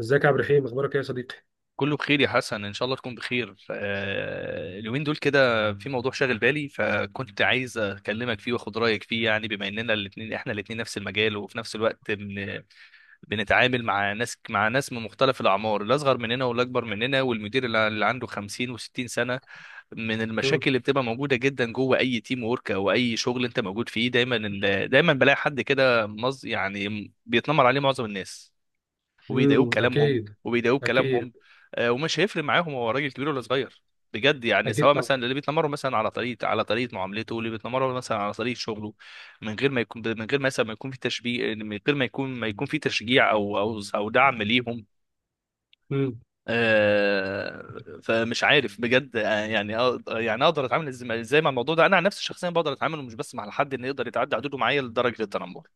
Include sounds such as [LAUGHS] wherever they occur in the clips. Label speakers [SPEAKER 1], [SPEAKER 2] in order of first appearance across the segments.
[SPEAKER 1] ازيك يا عبد الرحيم؟ اخبارك ايه يا صديقي؟
[SPEAKER 2] كله بخير يا حسن، ان شاء الله تكون بخير. اليومين دول كده في موضوع شاغل بالي، فكنت عايز اكلمك فيه واخد رايك فيه. يعني بما اننا احنا الاثنين نفس المجال، وفي نفس الوقت بنتعامل مع ناس من مختلف الاعمار، الاصغر مننا والاكبر مننا، والمدير اللي عنده 50 و60 سنه. من
[SPEAKER 1] امم.
[SPEAKER 2] المشاكل اللي بتبقى موجوده جدا جوه اي تيم ورك او اي شغل انت موجود فيه، دايما بلاقي حد كده يعني بيتنمر عليه معظم الناس، وبيضايقوه
[SPEAKER 1] امم.
[SPEAKER 2] كلامهم
[SPEAKER 1] اكيد.
[SPEAKER 2] وبيضايقوه
[SPEAKER 1] اكيد.
[SPEAKER 2] كلامهم ومش هيفرق معاهم هو راجل كبير ولا صغير، بجد. يعني
[SPEAKER 1] اكيد
[SPEAKER 2] سواء
[SPEAKER 1] طبعا.
[SPEAKER 2] مثلا اللي بيتنمروا مثلا على طريقه معاملته، واللي بيتنمروا مثلا على طريقه شغله، من غير مثلا ما يكون في تشبيه، من غير ما يكون في تشجيع او دعم ليهم.
[SPEAKER 1] امم.
[SPEAKER 2] فمش عارف بجد. يعني يعني اقدر اتعامل ازاي مع الموضوع ده. انا عن نفسي شخصيا بقدر اتعامل، مش بس مع حد انه يقدر يتعدى حدوده معايا لدرجه التنمر،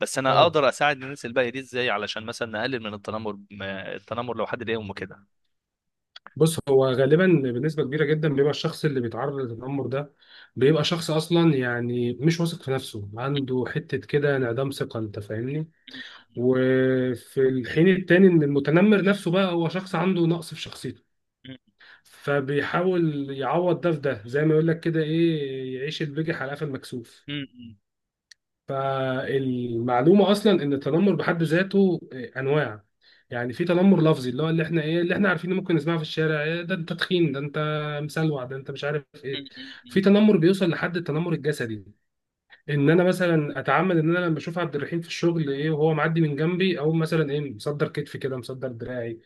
[SPEAKER 2] بس انا
[SPEAKER 1] اه.
[SPEAKER 2] اقدر اساعد الناس الباقيه دي ازاي علشان مثلا نقلل من التنمر. التنمر لو حد ضايق امه كده.
[SPEAKER 1] بص، هو غالبا بنسبه كبيره جدا بيبقى الشخص اللي بيتعرض للتنمر ده بيبقى شخص اصلا، يعني مش واثق في نفسه، عنده حته كده انعدام ثقه، انت فاهمني؟ وفي الحين التاني ان المتنمر نفسه بقى هو شخص عنده نقص في شخصيته، فبيحاول يعوض ده في ده، زي ما يقول لك كده ايه، يعيش البجح على قفا المكسوف.
[SPEAKER 2] ايوه،
[SPEAKER 1] فالمعلومه اصلا ان التنمر بحد ذاته انواع. يعني في تنمر لفظي، اللي هو اللي احنا ايه، اللي احنا عارفينه ممكن نسمعه في الشارع: إيه ده انت تخين، ده انت مسلوع، ده انت مش عارف ايه. في تنمر بيوصل لحد التنمر الجسدي، ان انا مثلا اتعمد ان انا لما اشوف عبد الرحيم في الشغل ايه، وهو معدي من جنبي، او مثلا ايه، مصدر كتفي كده، مصدر دراعي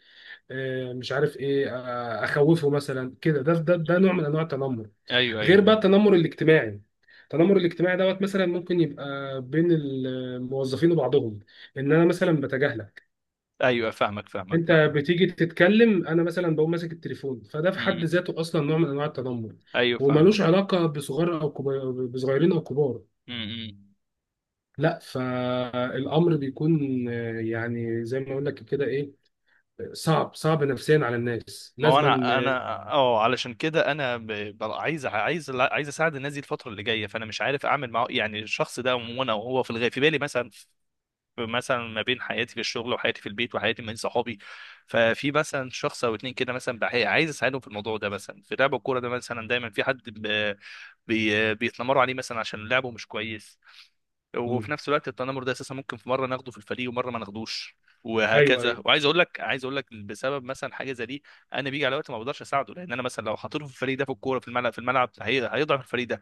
[SPEAKER 1] إيه، مش عارف ايه، اخوفه مثلا كده، ده نوع من انواع التنمر.
[SPEAKER 2] ايوه،
[SPEAKER 1] غير
[SPEAKER 2] ايوه،
[SPEAKER 1] بقى التنمر الاجتماعي. التنمر الاجتماعي دوت مثلا ممكن يبقى بين الموظفين وبعضهم، ان انا مثلا بتجاهلك،
[SPEAKER 2] ايوه، فاهمك، فاهمك،
[SPEAKER 1] انت
[SPEAKER 2] فاهمك.
[SPEAKER 1] بتيجي تتكلم انا مثلا بقوم ماسك التليفون. فده في حد
[SPEAKER 2] مم.
[SPEAKER 1] ذاته اصلا نوع من انواع التنمر،
[SPEAKER 2] ايوه، فاهمك.
[SPEAKER 1] وملوش علاقه بصغار او كبار، بصغيرين او كبار.
[SPEAKER 2] مم.
[SPEAKER 1] لا، فالامر بيكون، يعني زي ما اقول لك كده ايه، صعب صعب نفسيا على الناس
[SPEAKER 2] ما هو
[SPEAKER 1] لازما.
[SPEAKER 2] انا، اه، علشان كده انا عايز اساعد الناس دي الفتره اللي جايه. فانا مش عارف اعمل معه يعني الشخص ده، وانا وهو في الغاية في بالي مثلا. في مثلا ما بين حياتي في الشغل وحياتي في البيت وحياتي من صحابي، ففي مثلا شخص او اتنين كده مثلا عايز اساعدهم في الموضوع ده. مثلا في لعب الكوره ده مثلا دايما في حد بيتنمروا عليه مثلا عشان لعبه مش كويس. وفي
[SPEAKER 1] مم.
[SPEAKER 2] نفس الوقت التنمر ده اساسا ممكن في مره ناخده في الفريق ومره ما ناخدوش،
[SPEAKER 1] ايوه ايوه.
[SPEAKER 2] وهكذا. وعايز اقول لك بسبب مثلا حاجه زي دي، انا بيجي على وقت ما بقدرش اساعده. لان انا مثلا لو حطيته في الفريق ده في الكوره في الملعب، هيضعف الفريق ده.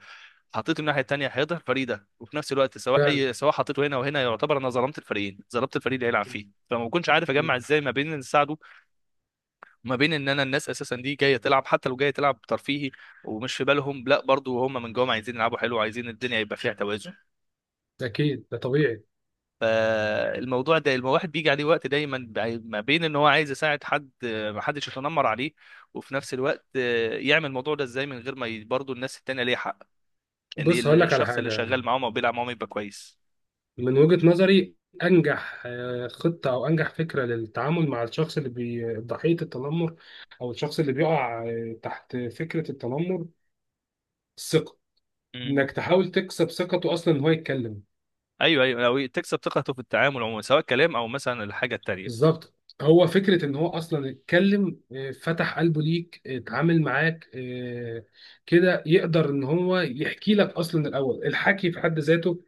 [SPEAKER 2] حطيته الناحيه الثانيه هيضعف الفريق ده. وفي نفس الوقت سواء
[SPEAKER 1] فعلا.
[SPEAKER 2] اي، سواء حطيته هنا وهنا، يعتبر انا ظلمت الفريقين، ظلمت الفريق اللي هيلعب فيه. فما بكونش عارف
[SPEAKER 1] مم.
[SPEAKER 2] اجمع ازاي ما بين ان اساعده وما بين ان انا الناس اساسا دي جايه تلعب، حتى لو جايه تلعب ترفيهي، ومش في بالهم، لا برضو هم من جوه عايزين يلعبوا حلو وعايزين الدنيا يبقى فيها توازن.
[SPEAKER 1] اكيد ده طبيعي.
[SPEAKER 2] فالموضوع ده الواحد بيجي عليه وقت دايما ما بين ان هو عايز يساعد حد ما حدش يتنمر عليه، وفي نفس الوقت يعمل الموضوع ده ازاي من غير ما برضه الناس التانية ليها حق ان
[SPEAKER 1] بص هقول لك على
[SPEAKER 2] الشخص اللي
[SPEAKER 1] حاجه.
[SPEAKER 2] شغال معاهم او بيلعب معاهم يبقى كويس.
[SPEAKER 1] من وجهة نظري، أنجح خطة أو أنجح فكرة للتعامل مع الشخص اللي ضحية التنمر، أو الشخص اللي بيقع تحت فكرة التنمر: الثقة.
[SPEAKER 2] مم.
[SPEAKER 1] إنك تحاول تكسب ثقته أصلا إن هو يتكلم.
[SPEAKER 2] ايوه، ايوه، لو تكسب ثقته في التعامل عموما، سواء كلام او مثلا الحاجة التانية.
[SPEAKER 1] بالظبط. هو فكرة إن هو أصلا يتكلم، فتح قلبه ليك، اتعامل معاك، كده يقدر إن هو يحكي لك. أصلا الأول، الحكي في حد ذاته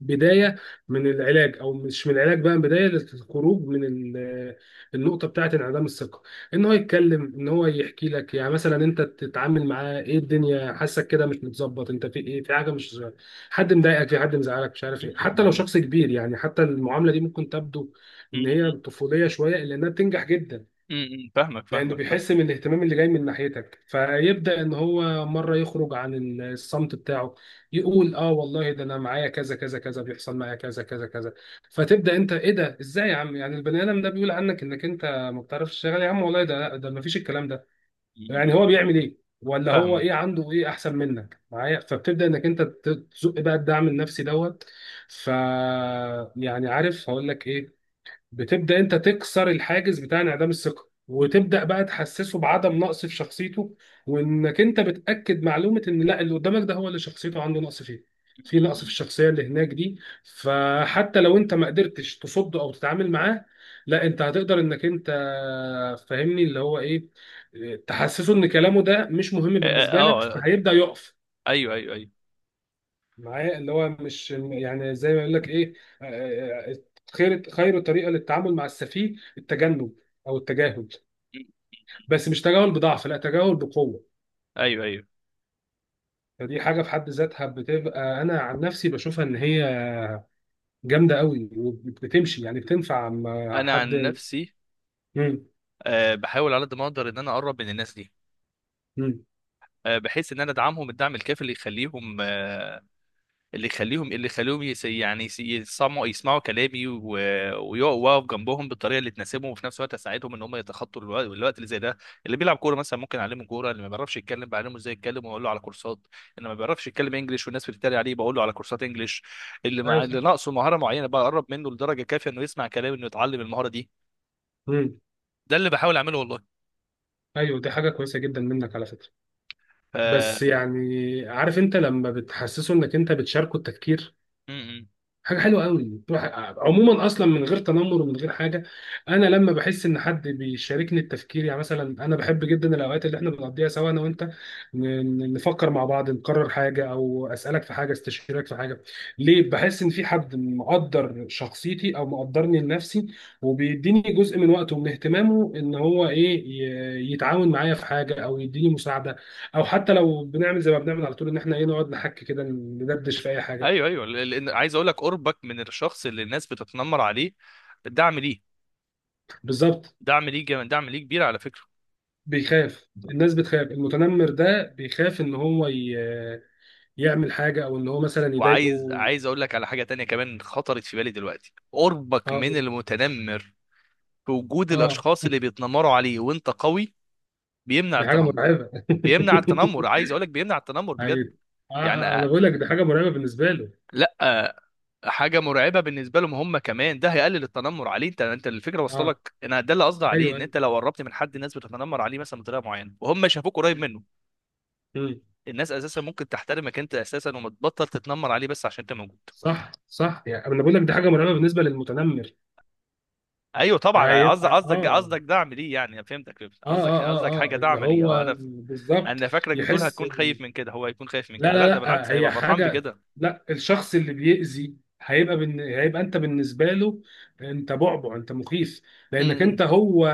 [SPEAKER 1] بدايه من العلاج، او مش من العلاج بقى، بدايه للخروج من النقطه بتاعه انعدام الثقه. ان هو يتكلم، ان هو يحكي لك. يعني مثلا انت تتعامل معاه: ايه الدنيا حاسك كده مش متظبط، انت في ايه، في حاجه مش، حد مضايقك، في حد مزعلك، مش عارف
[SPEAKER 2] مم.
[SPEAKER 1] ايه. حتى لو
[SPEAKER 2] مم.
[SPEAKER 1] شخص كبير، يعني حتى المعامله دي ممكن تبدو ان هي
[SPEAKER 2] مم.
[SPEAKER 1] طفوليه شويه، الا انها بتنجح جدا.
[SPEAKER 2] فاهمك،
[SPEAKER 1] لانه
[SPEAKER 2] فاهمك،
[SPEAKER 1] بيحس من
[SPEAKER 2] فاهمك.
[SPEAKER 1] الاهتمام اللي جاي من ناحيتك، فيبدا ان هو مره يخرج عن الصمت بتاعه. يقول: اه والله، ده انا معايا كذا كذا كذا، بيحصل معايا كذا كذا كذا. فتبدا انت: ايه ده، ازاي يا عم، يعني البني ادم ده بيقول عنك انك انت ما بتعرفش تشتغل، يا عم والله ده ما فيش الكلام ده. يعني هو
[SPEAKER 2] مم.
[SPEAKER 1] بيعمل ايه، ولا هو
[SPEAKER 2] فاهمك.
[SPEAKER 1] ايه، عنده ايه احسن منك معايا؟ فبتبدا انك انت تزق بقى الدعم النفسي دوت. ف يعني عارف هقول لك ايه، بتبدا انت تكسر الحاجز بتاع انعدام الثقه،
[SPEAKER 2] مم.
[SPEAKER 1] وتبدا بقى تحسسه بعدم نقص في شخصيته، وانك انت بتاكد معلومه ان لا، اللي قدامك ده هو اللي شخصيته عنده نقص فيه. في نقص في
[SPEAKER 2] مم.
[SPEAKER 1] الشخصيه اللي هناك دي. فحتى لو انت ما قدرتش تصده او تتعامل معاه، لا انت هتقدر انك انت، فاهمني اللي هو ايه، تحسسه ان كلامه ده مش مهم
[SPEAKER 2] اه.
[SPEAKER 1] بالنسبه لك، فهيبدا يقف
[SPEAKER 2] ايوه، ايوه، ايوه،
[SPEAKER 1] معايا، اللي هو مش، يعني زي ما يقول لك ايه. آه، آه، آه، خير طريقه للتعامل مع السفيه التجنب، او التجاهل، بس مش تجاهل بضعف، لا تجاهل بقوه.
[SPEAKER 2] ايوه، ايوه.
[SPEAKER 1] فدي حاجه في حد ذاتها بتبقى، انا عن نفسي بشوفها ان هي جامده قوي وبتمشي، يعني بتنفع مع
[SPEAKER 2] انا عن
[SPEAKER 1] حد.
[SPEAKER 2] نفسي
[SPEAKER 1] مم.
[SPEAKER 2] بحاول على قد ما اقدر ان انا اقرب من الناس دي،
[SPEAKER 1] مم.
[SPEAKER 2] بحيث ان انا ادعمهم الدعم الكافي اللي يخليهم آه، اللي يخليهم اللي يخليهم يعني يسمعوا كلامي ويقفوا واقف جنبهم بالطريقه اللي تناسبهم، وفي نفس الوقت اساعدهم ان هم يتخطوا الوقت اللي زي ده. اللي بيلعب كوره مثلا ممكن اعلمه كوره، اللي ما بيعرفش يتكلم بعلمه ازاي يتكلم واقول له على كورسات، اللي ما بيعرفش يتكلم انجليش والناس بتتريق عليه بقول له على كورسات انجليش، اللي
[SPEAKER 1] ايوه
[SPEAKER 2] مع اللي
[SPEAKER 1] صح.
[SPEAKER 2] ناقصه مهاره معينه بقرب منه لدرجه كافيه انه يسمع كلامي انه يتعلم المهاره دي.
[SPEAKER 1] مم.
[SPEAKER 2] ده اللي بحاول اعمله والله.
[SPEAKER 1] ايوه، دي حاجه كويسه جدا منك على فكره.
[SPEAKER 2] ف...
[SPEAKER 1] بس يعني عارف، انت لما بتحسسه انك انت بتشاركه التفكير،
[SPEAKER 2] م- م.
[SPEAKER 1] حاجه حلوه قوي تروح. عموما اصلا من غير تنمر ومن غير حاجه، انا لما بحس ان حد بيشاركني التفكير، يعني مثلا انا بحب جدا الاوقات اللي احنا بنقضيها سوا انا وانت، نفكر مع بعض، نقرر حاجه، او اسالك في حاجه، استشيرك في حاجه. ليه؟ بحس ان في حد مقدر شخصيتي، او مقدرني لنفسي، وبيديني جزء من وقته ومن اهتمامه، ان هو ايه، يتعاون معايا في حاجه، او يديني مساعده، او حتى لو بنعمل زي ما بنعمل على طول، ان احنا ايه، نقعد نحكي كده، ندردش في اي حاجه.
[SPEAKER 2] ايوه، ايوه، لان عايز اقول لك قربك من الشخص اللي الناس بتتنمر عليه دعم ليه
[SPEAKER 1] بالظبط.
[SPEAKER 2] دعم ليه كبير على فكره.
[SPEAKER 1] بيخاف. الناس بتخاف المتنمر ده، بيخاف ان هو يعمل حاجه، او ان هو مثلا يضايقه.
[SPEAKER 2] وعايز اقول لك على حاجه تانية كمان خطرت في بالي دلوقتي، قربك
[SPEAKER 1] اه
[SPEAKER 2] من المتنمر في وجود
[SPEAKER 1] اه،
[SPEAKER 2] الاشخاص اللي بيتنمروا عليه وانت قوي بيمنع
[SPEAKER 1] دي حاجه
[SPEAKER 2] التنمر.
[SPEAKER 1] مرعبه [LAUGHS]
[SPEAKER 2] بيمنع التنمر، عايز اقول لك بيمنع التنمر بجد.
[SPEAKER 1] أيوة.
[SPEAKER 2] يعني
[SPEAKER 1] انا بقول لك دي حاجه مرعبه بالنسبه له.
[SPEAKER 2] لا. حاجه مرعبه بالنسبه لهم هم كمان، ده هيقلل التنمر عليه. انت، انت الفكره وصلت
[SPEAKER 1] اه.
[SPEAKER 2] لك. انا ده اللي قصدي عليه،
[SPEAKER 1] ايوه
[SPEAKER 2] ان
[SPEAKER 1] ايوه.
[SPEAKER 2] انت لو قربت من حد الناس بتتنمر عليه مثلا بطريقه معينه وهم شافوك قريب منه،
[SPEAKER 1] مم.
[SPEAKER 2] الناس اساسا ممكن تحترمك انت اساسا ومتبطل تتنمر عليه بس عشان انت موجود.
[SPEAKER 1] صح صح. يعني انا بقول لك دي حاجه مرعبه بالنسبه للمتنمر.
[SPEAKER 2] ايوه طبعا، قصدك
[SPEAKER 1] هيبقى
[SPEAKER 2] قصدك قصدك دعم ليه. يعني أنا فهمتك، فهمت. قصدك قصدك حاجه،
[SPEAKER 1] اه اللي
[SPEAKER 2] دعم ليه، اه.
[SPEAKER 1] هو بالظبط.
[SPEAKER 2] انا فاكرك بتقول
[SPEAKER 1] يحس.
[SPEAKER 2] هتكون خايف من كده، هو هيكون خايف من
[SPEAKER 1] لا
[SPEAKER 2] كده،
[SPEAKER 1] لا
[SPEAKER 2] لا ده
[SPEAKER 1] لا،
[SPEAKER 2] بالعكس
[SPEAKER 1] هي
[SPEAKER 2] هيبقى فرحان
[SPEAKER 1] حاجة،
[SPEAKER 2] بكده.
[SPEAKER 1] لا الشخص اللي بيأذي هيبقى، هيبقى انت بالنسبة له، انت بعبع، انت مخيف. لانك
[SPEAKER 2] امم.
[SPEAKER 1] انت هو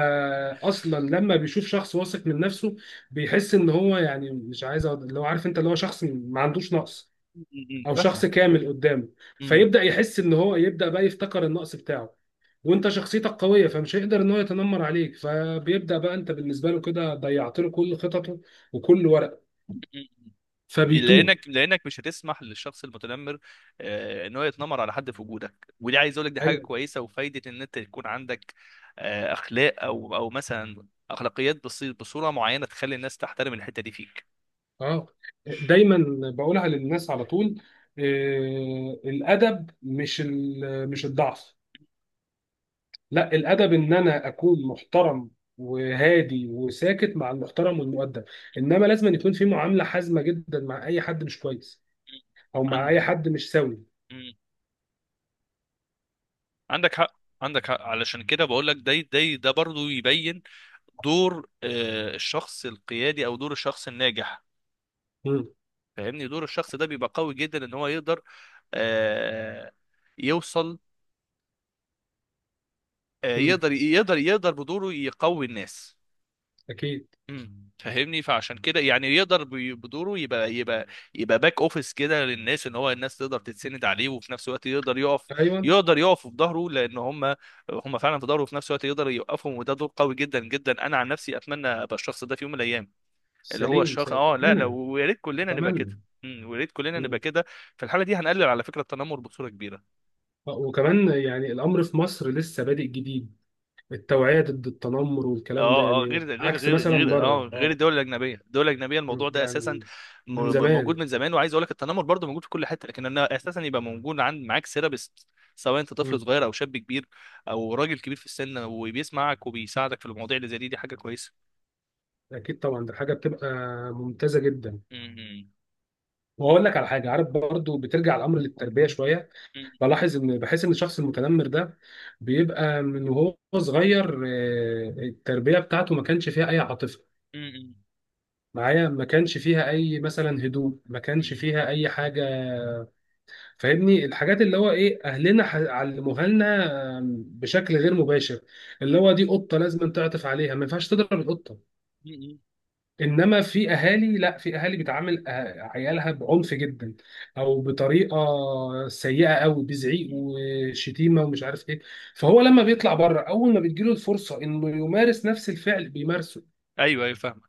[SPEAKER 1] اصلا. لما بيشوف شخص واثق من نفسه، بيحس ان هو يعني مش عايز، اللي هو عارف انت، اللي هو شخص ما عندوش نقص،
[SPEAKER 2] م- م- م.
[SPEAKER 1] او شخص
[SPEAKER 2] فاهمه.
[SPEAKER 1] كامل قدامه.
[SPEAKER 2] م.
[SPEAKER 1] فيبدأ يحس ان هو، يبدأ بقى يفتكر النقص بتاعه، وانت شخصيتك قوية فمش هيقدر ان هو يتنمر عليك. فبيبدأ بقى انت بالنسبة له كده ضيعت له كل خططه وكل ورقه، فبيتوه.
[SPEAKER 2] لانك مش هتسمح للشخص المتنمر ان هو يتنمر على حد في وجودك. ودي عايز اقول لك دي حاجه
[SPEAKER 1] أيوه.
[SPEAKER 2] كويسه وفايده ان انت يكون عندك اخلاق او مثلا اخلاقيات، بصوره معينه تخلي الناس تحترم الحته دي فيك.
[SPEAKER 1] اه، دايما بقولها للناس على طول، الادب مش مش الضعف، لا الادب ان انا اكون محترم وهادي وساكت مع المحترم والمؤدب. انما لازم أن يكون في معامله حازمه جدا مع اي حد مش كويس،
[SPEAKER 2] مم.
[SPEAKER 1] او مع
[SPEAKER 2] عند
[SPEAKER 1] اي حد مش سوي.
[SPEAKER 2] مم. عندك حق عندك حق، علشان كده بقول لك ده برضو يبين دور الشخص القيادي او دور الشخص الناجح.
[SPEAKER 1] مم.
[SPEAKER 2] فاهمني، دور الشخص ده بيبقى قوي جدا ان هو يقدر آه، يوصل.
[SPEAKER 1] مم.
[SPEAKER 2] يقدر بدوره يقوي الناس.
[SPEAKER 1] اكيد.
[SPEAKER 2] فاهمني. فعشان كده يعني يقدر بدوره يبقى باك اوفيس كده للناس، ان هو الناس تقدر تتسند عليه، وفي نفس الوقت يقدر يقف
[SPEAKER 1] ايوه
[SPEAKER 2] يقدر يقف في ظهره لان هم فعلا في ظهره، وفي نفس الوقت يقدر يوقفهم. وده دور قوي جدا جدا، انا عن نفسي اتمنى ابقى الشخص ده في يوم من الايام. اللي هو
[SPEAKER 1] سليم،
[SPEAKER 2] الشخص،
[SPEAKER 1] سيكون
[SPEAKER 2] اه، لا لا،
[SPEAKER 1] انا
[SPEAKER 2] ويا ريت كلنا نبقى كده.
[SPEAKER 1] اتمنى.
[SPEAKER 2] ويا ريت كلنا نبقى
[SPEAKER 1] مم.
[SPEAKER 2] كده. في الحاله دي هنقلل على فكره التنمر بصوره كبيره.
[SPEAKER 1] وكمان يعني الامر في مصر لسه بادئ جديد، التوعيه ضد التنمر والكلام ده،
[SPEAKER 2] اه، اه، غير
[SPEAKER 1] يعني
[SPEAKER 2] غير
[SPEAKER 1] عكس
[SPEAKER 2] غير
[SPEAKER 1] مثلا
[SPEAKER 2] غير
[SPEAKER 1] بره.
[SPEAKER 2] اه غير
[SPEAKER 1] اه.
[SPEAKER 2] الدول الاجنبيه،
[SPEAKER 1] مم.
[SPEAKER 2] الموضوع ده اساسا
[SPEAKER 1] يعني من
[SPEAKER 2] موجود
[SPEAKER 1] زمان.
[SPEAKER 2] من زمان. وعايز اقول لك التنمر برضه موجود في كل حته، لكن انه اساسا يبقى موجود عند، معاك سيرابيست سواء انت طفل
[SPEAKER 1] مم.
[SPEAKER 2] صغير او شاب كبير او راجل كبير في السن، وبيسمعك وبيساعدك في المواضيع اللي زي دي، دي حاجه كويسه.
[SPEAKER 1] اكيد طبعا، ده حاجه بتبقى ممتازه جدا.
[SPEAKER 2] م- م-
[SPEAKER 1] واقول لك على حاجه، عارف برضو بترجع الامر للتربيه شويه.
[SPEAKER 2] م-
[SPEAKER 1] بلاحظ ان، بحس ان الشخص المتنمر ده بيبقى من وهو صغير، التربيه بتاعته ما كانش فيها اي عاطفه
[SPEAKER 2] م-
[SPEAKER 1] معايا، ما كانش فيها اي مثلا هدوء، ما
[SPEAKER 2] م-
[SPEAKER 1] كانش
[SPEAKER 2] م-
[SPEAKER 1] فيها اي حاجه. فاهمني الحاجات اللي هو ايه اهلنا علموها لنا، بشكل غير مباشر. اللي هو دي قطه لازم تعطف عليها، ما ينفعش تضرب القطه.
[SPEAKER 2] م- م-
[SPEAKER 1] انما في اهالي، لا في اهالي بتعامل عيالها بعنف جدا، او بطريقه سيئه قوي، بزعيق
[SPEAKER 2] م-
[SPEAKER 1] وشتيمه ومش عارف ايه. فهو لما بيطلع بره، اول ما بتجيله الفرصه انه يمارس نفس الفعل بيمارسه.
[SPEAKER 2] ايوه، ايوه، فاهم.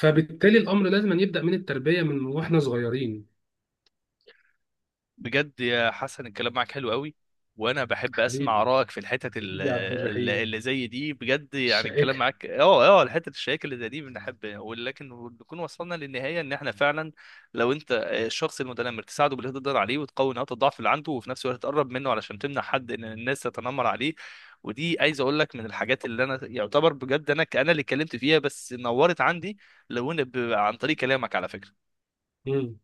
[SPEAKER 1] فبالتالي الامر لازم أن يبدا من التربيه، من واحنا صغيرين.
[SPEAKER 2] بجد يا حسن، الكلام معاك حلو قوي، وانا بحب اسمع
[SPEAKER 1] حبيبي،
[SPEAKER 2] ارائك في الحتت
[SPEAKER 1] حبيبي يا عبد الرحيم.
[SPEAKER 2] اللي زي دي، بجد. يعني الكلام
[SPEAKER 1] الشائكه.
[SPEAKER 2] معاك، اه، اه، الحتت الشياكه اللي زي دي بنحب. ولكن بنكون وصلنا للنهايه ان احنا فعلا لو انت الشخص المتنمر تساعده باللي تقدر عليه وتقوي نقاط الضعف اللي عنده، وفي نفس الوقت تقرب منه علشان تمنع حد ان الناس تتنمر عليه. ودي عايز اقول لك من الحاجات اللي انا يعتبر بجد، انا اللي اتكلمت فيها، بس نورت عندي. لو إن عن طريق كلامك على فكره.
[SPEAKER 1] مم.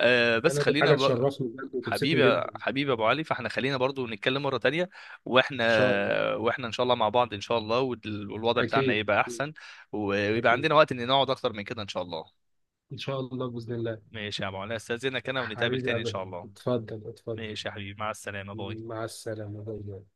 [SPEAKER 2] بس
[SPEAKER 1] انا دي
[SPEAKER 2] خلينا
[SPEAKER 1] حاجه
[SPEAKER 2] بقى.
[SPEAKER 1] تشرفني بجد وتبسطني
[SPEAKER 2] حبيبي،
[SPEAKER 1] جدا. ان
[SPEAKER 2] حبيبي يا ابو علي، فاحنا خلينا برضو نتكلم مره تانية. واحنا
[SPEAKER 1] شاء الله.
[SPEAKER 2] واحنا ان شاء الله مع بعض ان شاء الله، والوضع بتاعنا
[SPEAKER 1] اكيد.
[SPEAKER 2] يبقى احسن، ويبقى
[SPEAKER 1] اكيد
[SPEAKER 2] عندنا وقت ان نقعد اكتر من كده ان شاء الله.
[SPEAKER 1] ان شاء الله، باذن الله.
[SPEAKER 2] ماشي يا ابو علي، استاذنك انا، ونتقابل
[SPEAKER 1] حبيبي يا
[SPEAKER 2] تاني ان
[SPEAKER 1] عبد
[SPEAKER 2] شاء
[SPEAKER 1] الرحيم،
[SPEAKER 2] الله.
[SPEAKER 1] اتفضل اتفضل.
[SPEAKER 2] ماشي يا حبيبي، مع السلامه، باي.
[SPEAKER 1] مع السلامة، باي باي.